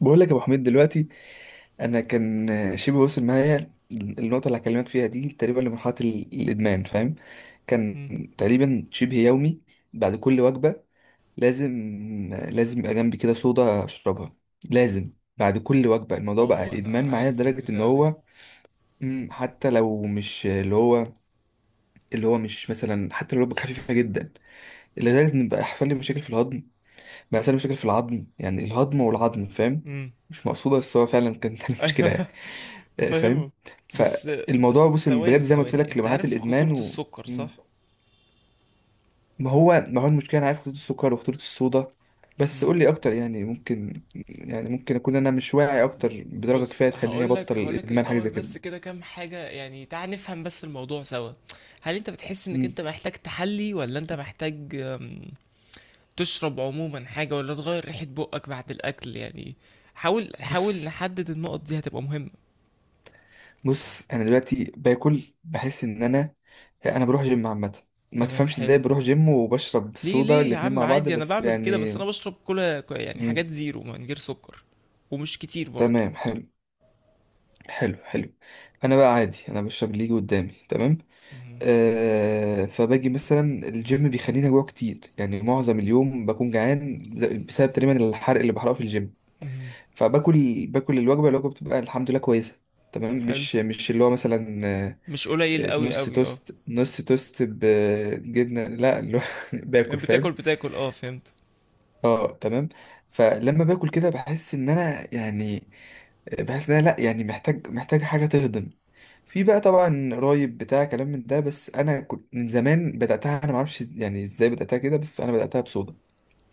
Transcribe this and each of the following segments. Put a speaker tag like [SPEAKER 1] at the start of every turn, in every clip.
[SPEAKER 1] بقول لك يا ابو حميد دلوقتي. انا كان شبه وصل معايا النقطه اللي هكلمك فيها دي تقريبا لمرحله الادمان. فاهم. كان
[SPEAKER 2] امم
[SPEAKER 1] تقريبا شبه يومي بعد كل وجبه. لازم لازم يبقى جنبي كده صودا اشربها. لازم بعد كل وجبه الموضوع بقى
[SPEAKER 2] اه انا
[SPEAKER 1] ادمان معايا،
[SPEAKER 2] عارف
[SPEAKER 1] لدرجه ان
[SPEAKER 2] البتاعة دي.
[SPEAKER 1] هو، حتى لو مش اللي هو. اللي هو مش مثلا، حتى لو وجبه خفيفه جدا، لدرجه ان بقى يحصل لي مشاكل في الهضم، بقى يحصل لي مشاكل في العظم، يعني الهضم والعظم، فاهم.
[SPEAKER 2] امم
[SPEAKER 1] مش مقصوده، بس هو فعلا كان كان مشكله.
[SPEAKER 2] ايوه،
[SPEAKER 1] آه، فاهم.
[SPEAKER 2] فاهمه. بس
[SPEAKER 1] فالموضوع،
[SPEAKER 2] بس
[SPEAKER 1] بص بجد
[SPEAKER 2] ثواني
[SPEAKER 1] زي ما قلت
[SPEAKER 2] ثواني
[SPEAKER 1] لك،
[SPEAKER 2] انت
[SPEAKER 1] لمرحله
[SPEAKER 2] عارف
[SPEAKER 1] الادمان
[SPEAKER 2] خطورة
[SPEAKER 1] و...
[SPEAKER 2] السكر
[SPEAKER 1] مم.
[SPEAKER 2] صح؟
[SPEAKER 1] ما هو المشكله، انا عارف خطوط السكر وخطوط الصودا. بس
[SPEAKER 2] امم
[SPEAKER 1] قول لي اكتر، يعني ممكن، يعني ممكن اكون انا مش واعي اكتر بدرجه
[SPEAKER 2] بص،
[SPEAKER 1] كفايه تخليني
[SPEAKER 2] هقول
[SPEAKER 1] ابطل
[SPEAKER 2] لك هقول لك
[SPEAKER 1] الادمان، حاجه
[SPEAKER 2] الاول
[SPEAKER 1] زي كده.
[SPEAKER 2] بس كده كام حاجة، يعني تعال نفهم بس الموضوع سوا. هل انت بتحس انك
[SPEAKER 1] مم.
[SPEAKER 2] انت محتاج تحلي ولا انت محتاج تشرب عموما حاجة، ولا تغير ريحة بقك بعد الاكل يعني؟ حاول
[SPEAKER 1] بص
[SPEAKER 2] نحدد النقط دي، هتبقى مهمة.
[SPEAKER 1] بص انا دلوقتي باكل، بحس ان انا بروح جيم عامه. ما
[SPEAKER 2] تمام،
[SPEAKER 1] تفهمش
[SPEAKER 2] حلو.
[SPEAKER 1] ازاي بروح جيم وبشرب
[SPEAKER 2] ليه
[SPEAKER 1] صودا
[SPEAKER 2] ليه يا
[SPEAKER 1] الاتنين
[SPEAKER 2] عم،
[SPEAKER 1] مع بعض،
[SPEAKER 2] عادي انا
[SPEAKER 1] بس
[SPEAKER 2] بعمل كده،
[SPEAKER 1] يعني.
[SPEAKER 2] بس انا بشرب كولا يعني
[SPEAKER 1] مم.
[SPEAKER 2] حاجات زيرو من غير سكر، ومش كتير برضه.
[SPEAKER 1] تمام، حلو. حلو، حلو. انا بقى عادي، انا بشرب اللي يجي قدامي. تمام.
[SPEAKER 2] مهم.
[SPEAKER 1] آه، فباجي مثلا الجيم بيخليني اجوع كتير، يعني معظم اليوم بكون جعان بسبب تقريبا الحرق اللي بحرقه في الجيم.
[SPEAKER 2] مهم.
[SPEAKER 1] فباكل، باكل الوجبه، الوجبه بتبقى الحمد لله كويسه. تمام،
[SPEAKER 2] حلو.
[SPEAKER 1] مش اللي هو مثلا، آه،.
[SPEAKER 2] مش قليل
[SPEAKER 1] آه،
[SPEAKER 2] قوي
[SPEAKER 1] نص
[SPEAKER 2] قوي، اه.
[SPEAKER 1] توست، نص توست بجبنه، لا اللي هو باكل،
[SPEAKER 2] يعني بتاكل
[SPEAKER 1] فاهم.
[SPEAKER 2] بتاكل اه، فهمت.
[SPEAKER 1] اه تمام. فلما باكل كده بحس ان انا، يعني بحس ان انا، لا يعني محتاج حاجه تهضم. في بقى طبعا قرايب بتاع كلام من ده، بس انا كنت من زمان بداتها، انا ما اعرفش يعني ازاي بداتها كده، بس انا بداتها بصودا.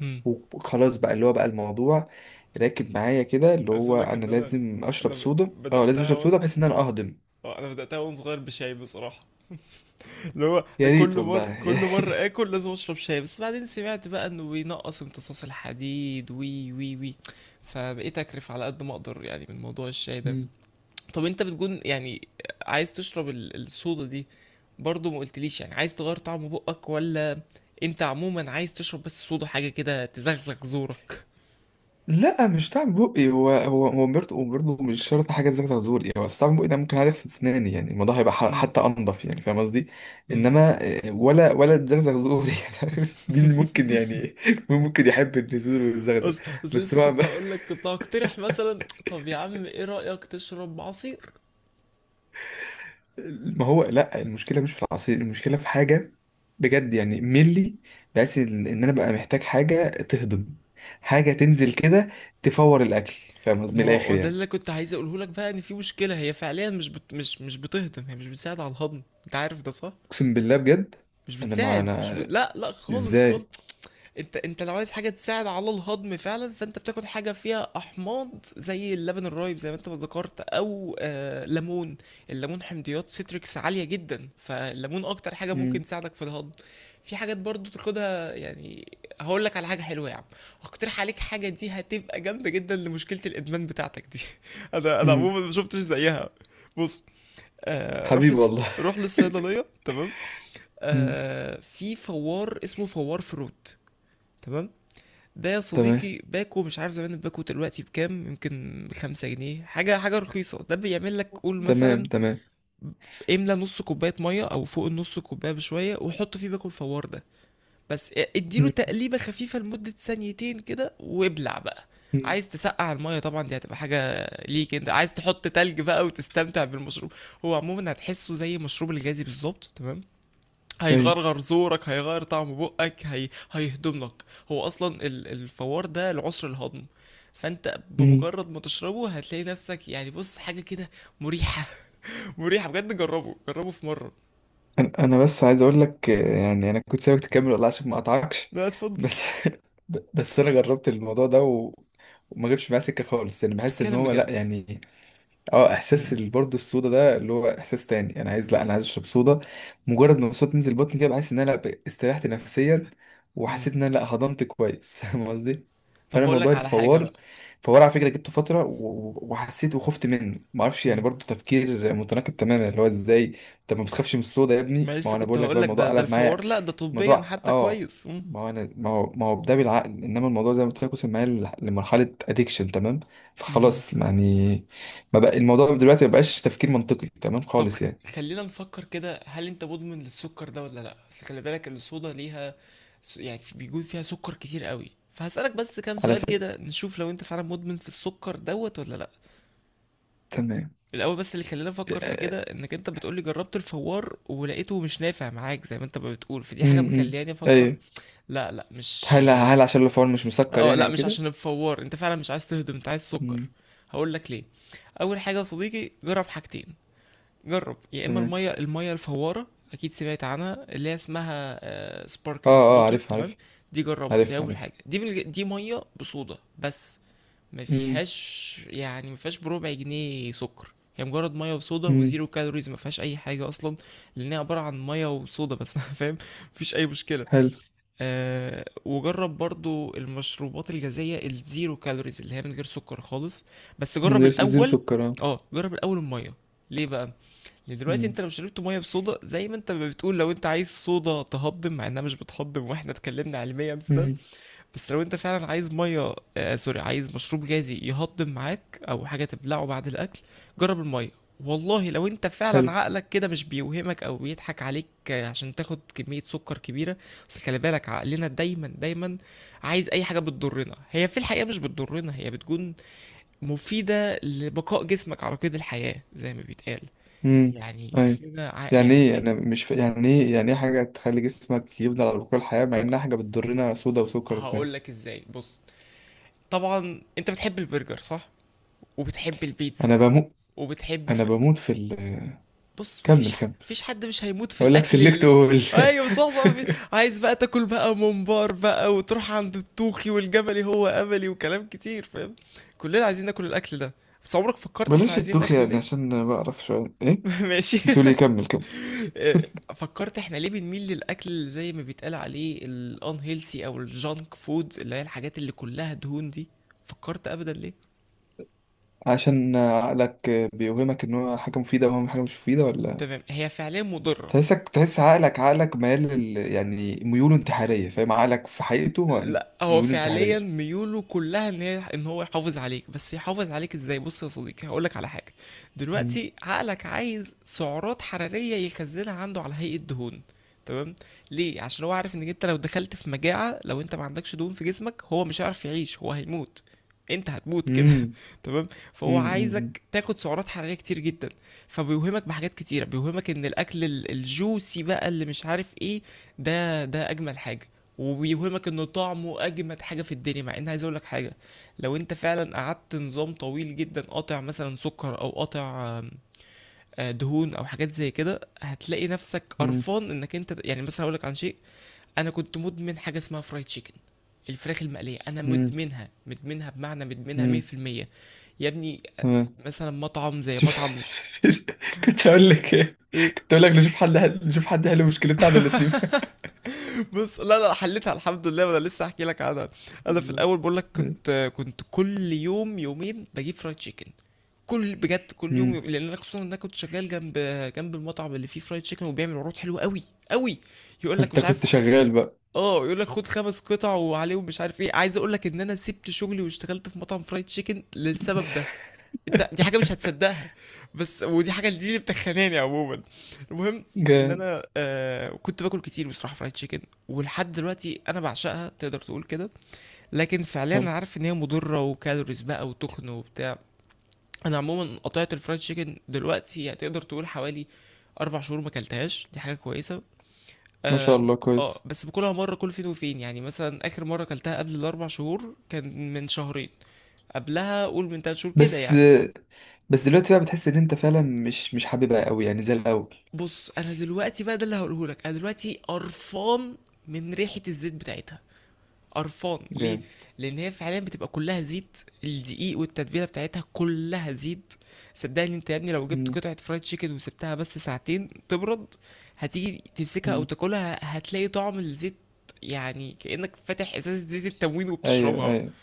[SPEAKER 2] مم.
[SPEAKER 1] وخلاص، بقى اللي هو بقى الموضوع راكب معايا كده، اللي
[SPEAKER 2] عايز
[SPEAKER 1] هو
[SPEAKER 2] اقول لك
[SPEAKER 1] انا
[SPEAKER 2] ان انا
[SPEAKER 1] لازم اشرب
[SPEAKER 2] انا ب-
[SPEAKER 1] صودا، اه لازم
[SPEAKER 2] بداتها
[SPEAKER 1] اشرب صودا
[SPEAKER 2] وان
[SPEAKER 1] بحيث ان انا اهضم.
[SPEAKER 2] آه، انا بداتها وانا صغير بشاي بصراحه، اللي هو
[SPEAKER 1] يا ريت
[SPEAKER 2] كل مره
[SPEAKER 1] والله.
[SPEAKER 2] كل مره اكل لازم اشرب شاي، بس بعدين سمعت بقى انه بينقص امتصاص الحديد، وي وي وي فبقيت اكرف على قد ما اقدر يعني من موضوع الشاي ده. طب انت بتكون يعني عايز تشرب الصودا دي، برضو ما قلتليش يعني عايز تغير طعم بقك، ولا انت عموما عايز تشرب بس صودا، حاجة كده تزغزغ زورك؟
[SPEAKER 1] لا، مش طعم بقي، هو برضه مش شرط حاجه زي ما تقول. هو أصل طعم بقي ده ممكن، عارف، في اسناني، يعني الموضوع هيبقى ح-
[SPEAKER 2] امم
[SPEAKER 1] حتى انضف، يعني فاهم قصدي.
[SPEAKER 2] امم
[SPEAKER 1] انما آه، ولا الزغزغ زور، يعني عارف؟ مين ممكن يعني، مين ممكن يحب النزول والزغزغ.
[SPEAKER 2] بس
[SPEAKER 1] بس
[SPEAKER 2] لسه
[SPEAKER 1] ما
[SPEAKER 2] كنت هقول لك، كنت هقترح مثلا طب يا عم ايه رأيك تشرب عصير؟
[SPEAKER 1] ما هو لا، المشكله مش في العصير، المشكله في حاجه بجد يعني ملي، بحيث إن انا بقى محتاج حاجه تهضم، حاجه تنزل كده تفور الاكل، فاهم قصدي
[SPEAKER 2] ما
[SPEAKER 1] من الاخر،
[SPEAKER 2] هو ده
[SPEAKER 1] يعني.
[SPEAKER 2] اللي كنت عايز اقوله لك، بقى ان في مشكلة هي فعليا مش بتهضم، هي مش بتساعد على الهضم، انت عارف ده صح؟
[SPEAKER 1] اقسم بالله بجد.
[SPEAKER 2] مش
[SPEAKER 1] انا، ما
[SPEAKER 2] بتساعد، مش ب...
[SPEAKER 1] انا،
[SPEAKER 2] لا لا خالص خالص.
[SPEAKER 1] ازاي.
[SPEAKER 2] انت انت لو عايز حاجه تساعد على الهضم فعلا، فانت بتاخد حاجه فيها احماض، زي اللبن الرايب زي ما انت ما ذكرت، او ليمون. الليمون حمضيات سيتريكس عاليه جدا، فالليمون اكتر حاجه ممكن
[SPEAKER 1] مم.
[SPEAKER 2] تساعدك في الهضم. في حاجات برضو تاخدها يعني، هقول لك على حاجه حلوه يا عم. هقترح عليك حاجه، دي هتبقى جامده جدا لمشكله الادمان بتاعتك دي. انا انا
[SPEAKER 1] مم.
[SPEAKER 2] عموما ما شفتش زيها. بص، آه روح
[SPEAKER 1] حبيبي
[SPEAKER 2] للص...
[SPEAKER 1] والله.
[SPEAKER 2] روح للصيدليه تمام،
[SPEAKER 1] مم.
[SPEAKER 2] في فوار اسمه فوار فروت. تمام. ده يا
[SPEAKER 1] تمام.
[SPEAKER 2] صديقي باكو، مش عارف زمان الباكو دلوقتي بكام، يمكن بخمسة جنيه، حاجة حاجة رخيصة. ده بيعمل لك، قول
[SPEAKER 1] تمام،
[SPEAKER 2] مثلا
[SPEAKER 1] تمام.
[SPEAKER 2] املى نص كوباية مية أو فوق النص كوباية بشوية، وحط فيه باكو الفوار ده، بس اديله
[SPEAKER 1] مم.
[SPEAKER 2] تقليبة خفيفة لمدة ثانيتين كده وابلع بقى.
[SPEAKER 1] مم.
[SPEAKER 2] عايز تسقع المية طبعا دي هتبقى حاجة ليك، انت عايز تحط تلج بقى وتستمتع بالمشروب. هو عموما هتحسه زي المشروب الغازي بالظبط تمام،
[SPEAKER 1] ايوه.
[SPEAKER 2] هيغرغر زورك، هيغير طعم بقك، هيهضم لك. هو اصلا الفوار ده العسر الهضم، فانت
[SPEAKER 1] مم.
[SPEAKER 2] بمجرد ما تشربه هتلاقي نفسك يعني، بص حاجه كده مريحه. مريحه بجد، جربه جربه في مره.
[SPEAKER 1] انا، بس عايز اقول لك آه، يعني انا كنت سايبك تكمل والله عشان ما اقطعكش،
[SPEAKER 2] لا اتفضل.
[SPEAKER 1] بس بس انا جربت الموضوع ده و... وما جبش معايا سكه خالص، يعني بحس ان
[SPEAKER 2] تتكلم
[SPEAKER 1] هو لا
[SPEAKER 2] بجد؟
[SPEAKER 1] يعني، اه احساس
[SPEAKER 2] امم
[SPEAKER 1] برضه الصودا ده، اللي هو احساس تاني انا عايز، لا انا عايز اشرب صودا. مجرد ما الصوت تنزل بطني كده، بحس ان انا ب- استريحت نفسيا،
[SPEAKER 2] امم
[SPEAKER 1] وحسيت ان انا لا هضمت كويس فاهم قصدي.
[SPEAKER 2] طب
[SPEAKER 1] فانا
[SPEAKER 2] هقول
[SPEAKER 1] موضوع
[SPEAKER 2] لك على حاجه
[SPEAKER 1] الفوار،
[SPEAKER 2] بقى.
[SPEAKER 1] فوار على فكره جبته فتره، و- و- وحسيت وخفت منه، ما اعرفش يعني،
[SPEAKER 2] امم
[SPEAKER 1] برضه تفكير متناقض تماما، اللي هو ازاي. طب ما بتخافش من الصودا يا ابني،
[SPEAKER 2] ما
[SPEAKER 1] ما هو
[SPEAKER 2] لسه
[SPEAKER 1] انا
[SPEAKER 2] كنت
[SPEAKER 1] بقول لك
[SPEAKER 2] هقول
[SPEAKER 1] بقى
[SPEAKER 2] لك،
[SPEAKER 1] الموضوع
[SPEAKER 2] ده ده
[SPEAKER 1] قلب معايا.
[SPEAKER 2] الفوار، لا ده طبيا
[SPEAKER 1] موضوع
[SPEAKER 2] حتى
[SPEAKER 1] اه.
[SPEAKER 2] كويس.
[SPEAKER 1] ما هو انا، ما هو ده بالعقل، انما الموضوع زي ما قلت لك وصل معايا لمرحله اديكشن، تمام.
[SPEAKER 2] امم
[SPEAKER 1] فخلاص يعني ما بقى الموضوع دلوقتي، ما بقاش تفكير منطقي تمام
[SPEAKER 2] طب
[SPEAKER 1] خالص، يعني.
[SPEAKER 2] خلينا نفكر كده، هل انت مدمن للسكر ده ولا لا؟ بس خلي بالك ان الصودا ليها يعني بيكون فيها سكر كتير قوي، فهسألك بس كام
[SPEAKER 1] على
[SPEAKER 2] سؤال
[SPEAKER 1] فكره.
[SPEAKER 2] كده، نشوف لو انت فعلا مدمن في السكر دوت ولا لا.
[SPEAKER 1] تمام.
[SPEAKER 2] الاول بس، اللي خلينا نفكر في
[SPEAKER 1] آه،.
[SPEAKER 2] كده، انك انت بتقولي جربت الفوار ولقيته مش نافع معاك زي ما انت ما بتقول، فدي حاجة
[SPEAKER 1] امم.
[SPEAKER 2] مخلياني افكر.
[SPEAKER 1] ايوه.
[SPEAKER 2] لا لا مش
[SPEAKER 1] هل عشان الفور مش مسكر
[SPEAKER 2] اه
[SPEAKER 1] يعني
[SPEAKER 2] لا،
[SPEAKER 1] او
[SPEAKER 2] مش
[SPEAKER 1] كده.
[SPEAKER 2] عشان الفوار، انت فعلا مش عايز تهضم، انت عايز سكر.
[SPEAKER 1] امم.
[SPEAKER 2] هقول لك ليه. اول حاجة يا صديقي، جرب حاجتين. جرب يا اما
[SPEAKER 1] تمام.
[SPEAKER 2] الميه الفواره، اكيد سمعت عنها، اللي هي اسمها
[SPEAKER 1] اه،
[SPEAKER 2] سباركلينج
[SPEAKER 1] اه،
[SPEAKER 2] ووتر،
[SPEAKER 1] عارف،
[SPEAKER 2] تمام؟
[SPEAKER 1] عارف.
[SPEAKER 2] دي جربها، دي
[SPEAKER 1] عارف،
[SPEAKER 2] اول
[SPEAKER 1] عارف.
[SPEAKER 2] حاجه، دي من دي ميه بصودا بس، ما
[SPEAKER 1] امم.
[SPEAKER 2] فيهاش يعني، ما فيهاش بربع جنيه سكر، هي مجرد ميه وصودا
[SPEAKER 1] امم.
[SPEAKER 2] وزيرو كالوريز، ما فيهاش اي حاجه اصلا. لان هي عباره عن ميه وصودا بس. فاهم؟ مفيش اي مشكله.
[SPEAKER 1] حلو.
[SPEAKER 2] أه، وجرب برضو المشروبات الغازيه الزيرو كالوريز، اللي هي من غير سكر خالص، بس
[SPEAKER 1] من
[SPEAKER 2] جرب
[SPEAKER 1] غير س- زيرو
[SPEAKER 2] الاول.
[SPEAKER 1] سكر، اه.
[SPEAKER 2] اه جرب الاول الميه. ليه بقى؟ يعني دلوقتي انت
[SPEAKER 1] امم.
[SPEAKER 2] لو شربت ميه بصودا، زي ما انت ما بتقول لو انت عايز صودا تهضم، مع انها مش بتهضم واحنا اتكلمنا علميا في ده.
[SPEAKER 1] امم.
[SPEAKER 2] بس لو انت فعلا عايز ميه، سوري، عايز مشروب غازي يهضم معاك، او حاجه تبلعه بعد الاكل، جرب الميه. والله لو انت فعلا
[SPEAKER 1] حلو.
[SPEAKER 2] عقلك كده مش بيوهمك او بيضحك عليك، عشان تاخد كميه سكر كبيره. بس خلي بالك عقلنا دايما عايز اي حاجه بتضرنا، هي في الحقيقه مش بتضرنا، هي بتكون مفيده لبقاء جسمك على قيد الحياه زي ما بيتقال.
[SPEAKER 1] امم.
[SPEAKER 2] يعني
[SPEAKER 1] اي.
[SPEAKER 2] جسمنا
[SPEAKER 1] يعني
[SPEAKER 2] يعني
[SPEAKER 1] ايه،
[SPEAKER 2] دايما.
[SPEAKER 1] انا مش ف... يعني ايه، يعني ايه حاجه تخلي جسمك يفضل على طول الحياه، مع انها حاجه بتضرنا، صودا وسكر وبتاع.
[SPEAKER 2] هقول لك ازاي، بص، طبعا انت بتحب البرجر صح؟ وبتحب البيتزا،
[SPEAKER 1] انا بموت.
[SPEAKER 2] وبتحب
[SPEAKER 1] انا
[SPEAKER 2] في...
[SPEAKER 1] بموت في ال-
[SPEAKER 2] بص
[SPEAKER 1] كمل، كمل.
[SPEAKER 2] مفيش حد مش هيموت في
[SPEAKER 1] اقول لك
[SPEAKER 2] الاكل
[SPEAKER 1] سلكت اول.
[SPEAKER 2] ايوه صح صح، عايز بقى تاكل بقى ممبار بقى، وتروح عند الطوخي والجملي هو املي وكلام كتير فاهم. كلنا عايزين ناكل الاكل ده، بس عمرك فكرت احنا
[SPEAKER 1] بلاش
[SPEAKER 2] عايزين
[SPEAKER 1] التوخ
[SPEAKER 2] ناكله
[SPEAKER 1] يعني
[SPEAKER 2] ليه؟
[SPEAKER 1] عشان بعرف شويه، ايه.
[SPEAKER 2] ماشي.
[SPEAKER 1] بتقول ايه، كمل، كمل.
[SPEAKER 2] فكرت احنا ليه بنميل للاكل زي ما بيتقال عليه الان هيلسي او الجانك فود، اللي هي الحاجات اللي كلها دهون دي؟ فكرت ابدا ليه؟
[SPEAKER 1] عشان عقلك بيوهمك ان هو حاجه مفيده، وهو حاجه مش مفيده، ولا.
[SPEAKER 2] تمام، هي فعليا مضره.
[SPEAKER 1] تحسك، تحس عقلك، عقلك ميال لل... يعني ميوله انتحاريه، فاهم، عقلك في حقيقته هو
[SPEAKER 2] لا هو
[SPEAKER 1] ميوله
[SPEAKER 2] فعليا
[SPEAKER 1] انتحاريه.
[SPEAKER 2] ميوله كلها ان هي ان هو يحافظ عليك، بس يحافظ عليك ازاي؟ بص يا صديقي هقولك على حاجه. دلوقتي عقلك عايز سعرات حراريه يخزنها عنده على هيئه دهون، تمام؟ ليه؟ عشان هو عارف انك انت لو دخلت في مجاعه، لو انت ما عندكش دهون في جسمك، هو مش هيعرف يعيش، هو هيموت، انت هتموت كده
[SPEAKER 1] امم.
[SPEAKER 2] تمام. فهو
[SPEAKER 1] امم.
[SPEAKER 2] عايزك تاخد سعرات حراريه كتير جدا، فبيوهمك بحاجات كتيره، بيوهمك ان الاكل الجوسي بقى اللي مش عارف ايه، ده ده اجمل حاجه، وبيوهمك انه طعمه اجمد حاجه في الدنيا. مع ان عايز اقول لك حاجه، لو انت فعلا قعدت نظام طويل جدا قاطع مثلا سكر، او قاطع آم، آه، دهون، او حاجات زي كده، هتلاقي نفسك
[SPEAKER 1] مم.
[SPEAKER 2] قرفان انك انت، يعني مثلا اقول لك عن شيء. انا كنت مدمن حاجه اسمها فرايد تشيكن، الفراخ المقلية، أنا
[SPEAKER 1] مم.
[SPEAKER 2] مدمنها بمعنى مدمنها
[SPEAKER 1] مم.
[SPEAKER 2] 100% يا ابني.
[SPEAKER 1] تمام.
[SPEAKER 2] مثلا مطعم زي
[SPEAKER 1] شوف،
[SPEAKER 2] مطعم مش...
[SPEAKER 1] كنت هقول لك ايه.
[SPEAKER 2] إيه؟
[SPEAKER 1] كنت هقول لك نشوف نشوف حد حل مشكلتنا على الاتنين.
[SPEAKER 2] بص، لا لا حليتها الحمد لله، وانا لسه احكي لك عنها. انا في
[SPEAKER 1] فعلا.
[SPEAKER 2] الاول بقول لك كنت كل يوم يومين بجيب فرايد تشيكن، كل، بجد كل يوم
[SPEAKER 1] مم.
[SPEAKER 2] يوم، لان انا خصوصا ان انا كنت شغال جنب جنب المطعم اللي فيه فرايد تشيكن، وبيعمل عروض حلوه قوي قوي. يقول لك
[SPEAKER 1] انت
[SPEAKER 2] مش عارف،
[SPEAKER 1] كنت شغال بقى.
[SPEAKER 2] اه يقول لك خد خمس قطع وعليهم مش عارف ايه. عايز اقول لك ان انا سبت شغلي واشتغلت في مطعم فرايد تشيكن للسبب ده، انت دي حاجه مش هتصدقها، بس ودي حاجه دي اللي بتخناني عموما. المهم ان
[SPEAKER 1] جامد.
[SPEAKER 2] انا كنت باكل كتير بصراحه فرايد تشيكن، ولحد دلوقتي انا بعشقها تقدر تقول كده، لكن فعليا
[SPEAKER 1] حلو.
[SPEAKER 2] انا عارف ان هي مضره وكالوريز بقى وتخن وبتاع. انا عموما قطعت الفرايد تشيكن دلوقتي، يعني تقدر تقول حوالي اربع شهور ما اكلتهاش، دي حاجه كويسه
[SPEAKER 1] ما شاء
[SPEAKER 2] اه.
[SPEAKER 1] الله، كويس.
[SPEAKER 2] بس باكلها مره كل فين وفين، يعني مثلا اخر مره اكلتها قبل الاربع شهور كان من شهرين، قبلها قول من تلات شهور كده،
[SPEAKER 1] بس،
[SPEAKER 2] يعني فاهم.
[SPEAKER 1] دلوقتي بقى بتحس ان انت فعلا مش حاببها قوي يعني زي الاول.
[SPEAKER 2] بص انا دلوقتي بقى، ده اللي هقوله لك، انا دلوقتي قرفان من ريحه الزيت بتاعتها. قرفان ليه؟
[SPEAKER 1] جامد.
[SPEAKER 2] لان هي فعلا بتبقى كلها زيت، الدقيق والتتبيله بتاعتها كلها زيت. صدقني انت يا ابني، لو جبت
[SPEAKER 1] مم.
[SPEAKER 2] قطعه فرايد تشيكن وسبتها بس ساعتين تبرد، هتيجي تمسكها او
[SPEAKER 1] مم.
[SPEAKER 2] تاكلها، هتلاقي طعم الزيت، يعني كانك فاتح ازازه زيت التموين
[SPEAKER 1] ايوه،
[SPEAKER 2] وبتشربها.
[SPEAKER 1] ايوه،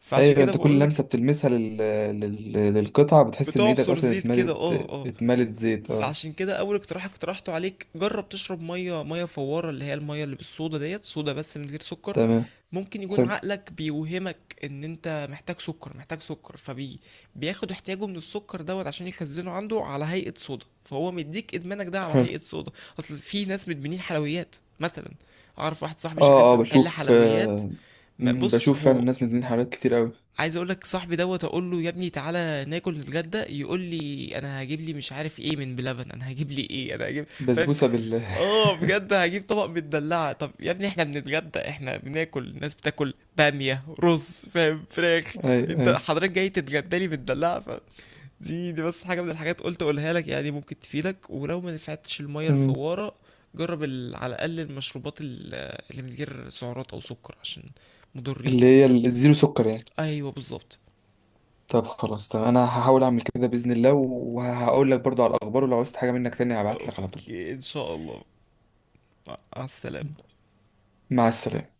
[SPEAKER 2] فعشان
[SPEAKER 1] ايوه.
[SPEAKER 2] كده
[SPEAKER 1] انت كل
[SPEAKER 2] بقول لك،
[SPEAKER 1] لمسه بتلمسها لل...، للقطعه بتحس ان ايدك
[SPEAKER 2] بتعصر
[SPEAKER 1] اصلا
[SPEAKER 2] زيت كده
[SPEAKER 1] اتملت.
[SPEAKER 2] اه اه.
[SPEAKER 1] اتملت زيت، اه.
[SPEAKER 2] فعشان كده اول اقتراح اقترحته عليك، جرب تشرب ميه فواره، اللي هي الميه اللي بالصودا ديت، صودا بس من غير سكر.
[SPEAKER 1] تمام.
[SPEAKER 2] ممكن يكون
[SPEAKER 1] حلو،
[SPEAKER 2] عقلك بيوهمك ان انت محتاج سكر، محتاج سكر، بياخد احتياجه من السكر دوت، عشان يخزنه عنده على هيئة صودا، فهو مديك ادمانك ده على
[SPEAKER 1] حلو.
[SPEAKER 2] هيئة صودا. اصل في ناس بتبنيه حلويات مثلا، اعرف واحد صاحبي شغال
[SPEAKER 1] اه، اه،
[SPEAKER 2] في محل
[SPEAKER 1] بشوف،
[SPEAKER 2] حلويات.
[SPEAKER 1] آه،.
[SPEAKER 2] بص
[SPEAKER 1] بشوف فعلا
[SPEAKER 2] هو،
[SPEAKER 1] الناس منزلين حاجات كتير قوي.
[SPEAKER 2] عايز اقول لك صاحبي دوت، اقول له يا ابني تعالى ناكل نتغدى، يقول لي انا هجيب لي مش عارف ايه من بلبن، انا هجيب لي ايه، انا هجيب فاهم،
[SPEAKER 1] بسبوسة بال
[SPEAKER 2] اه بجد هجيب طبق مدلعه. طب يا ابني احنا بنتغدى، احنا بناكل، الناس بتاكل باميه رز فاهم فراخ،
[SPEAKER 1] اي،
[SPEAKER 2] انت
[SPEAKER 1] اي.
[SPEAKER 2] حضرتك جاي تتغدى لي مدلعه ف... دي دي بس حاجه من الحاجات قلت اقولها لك، يعني ممكن تفيدك. ولو ما نفعتش الميه
[SPEAKER 1] تمام.
[SPEAKER 2] الفواره، جرب على الاقل المشروبات اللي من غير سعرات او سكر، عشان مضرين
[SPEAKER 1] اللي
[SPEAKER 2] يعني.
[SPEAKER 1] هي الزيرو سكر يعني.
[SPEAKER 2] ايوه بالظبط.
[SPEAKER 1] طب خلاص، طب انا هحاول اعمل كده بإذن الله، وهقول لك برضو على الاخبار، ولو عوزت حاجة منك تاني هبعت لك على طول.
[SPEAKER 2] اوكي ان شاء الله. مع السلامة.
[SPEAKER 1] مع السلامة.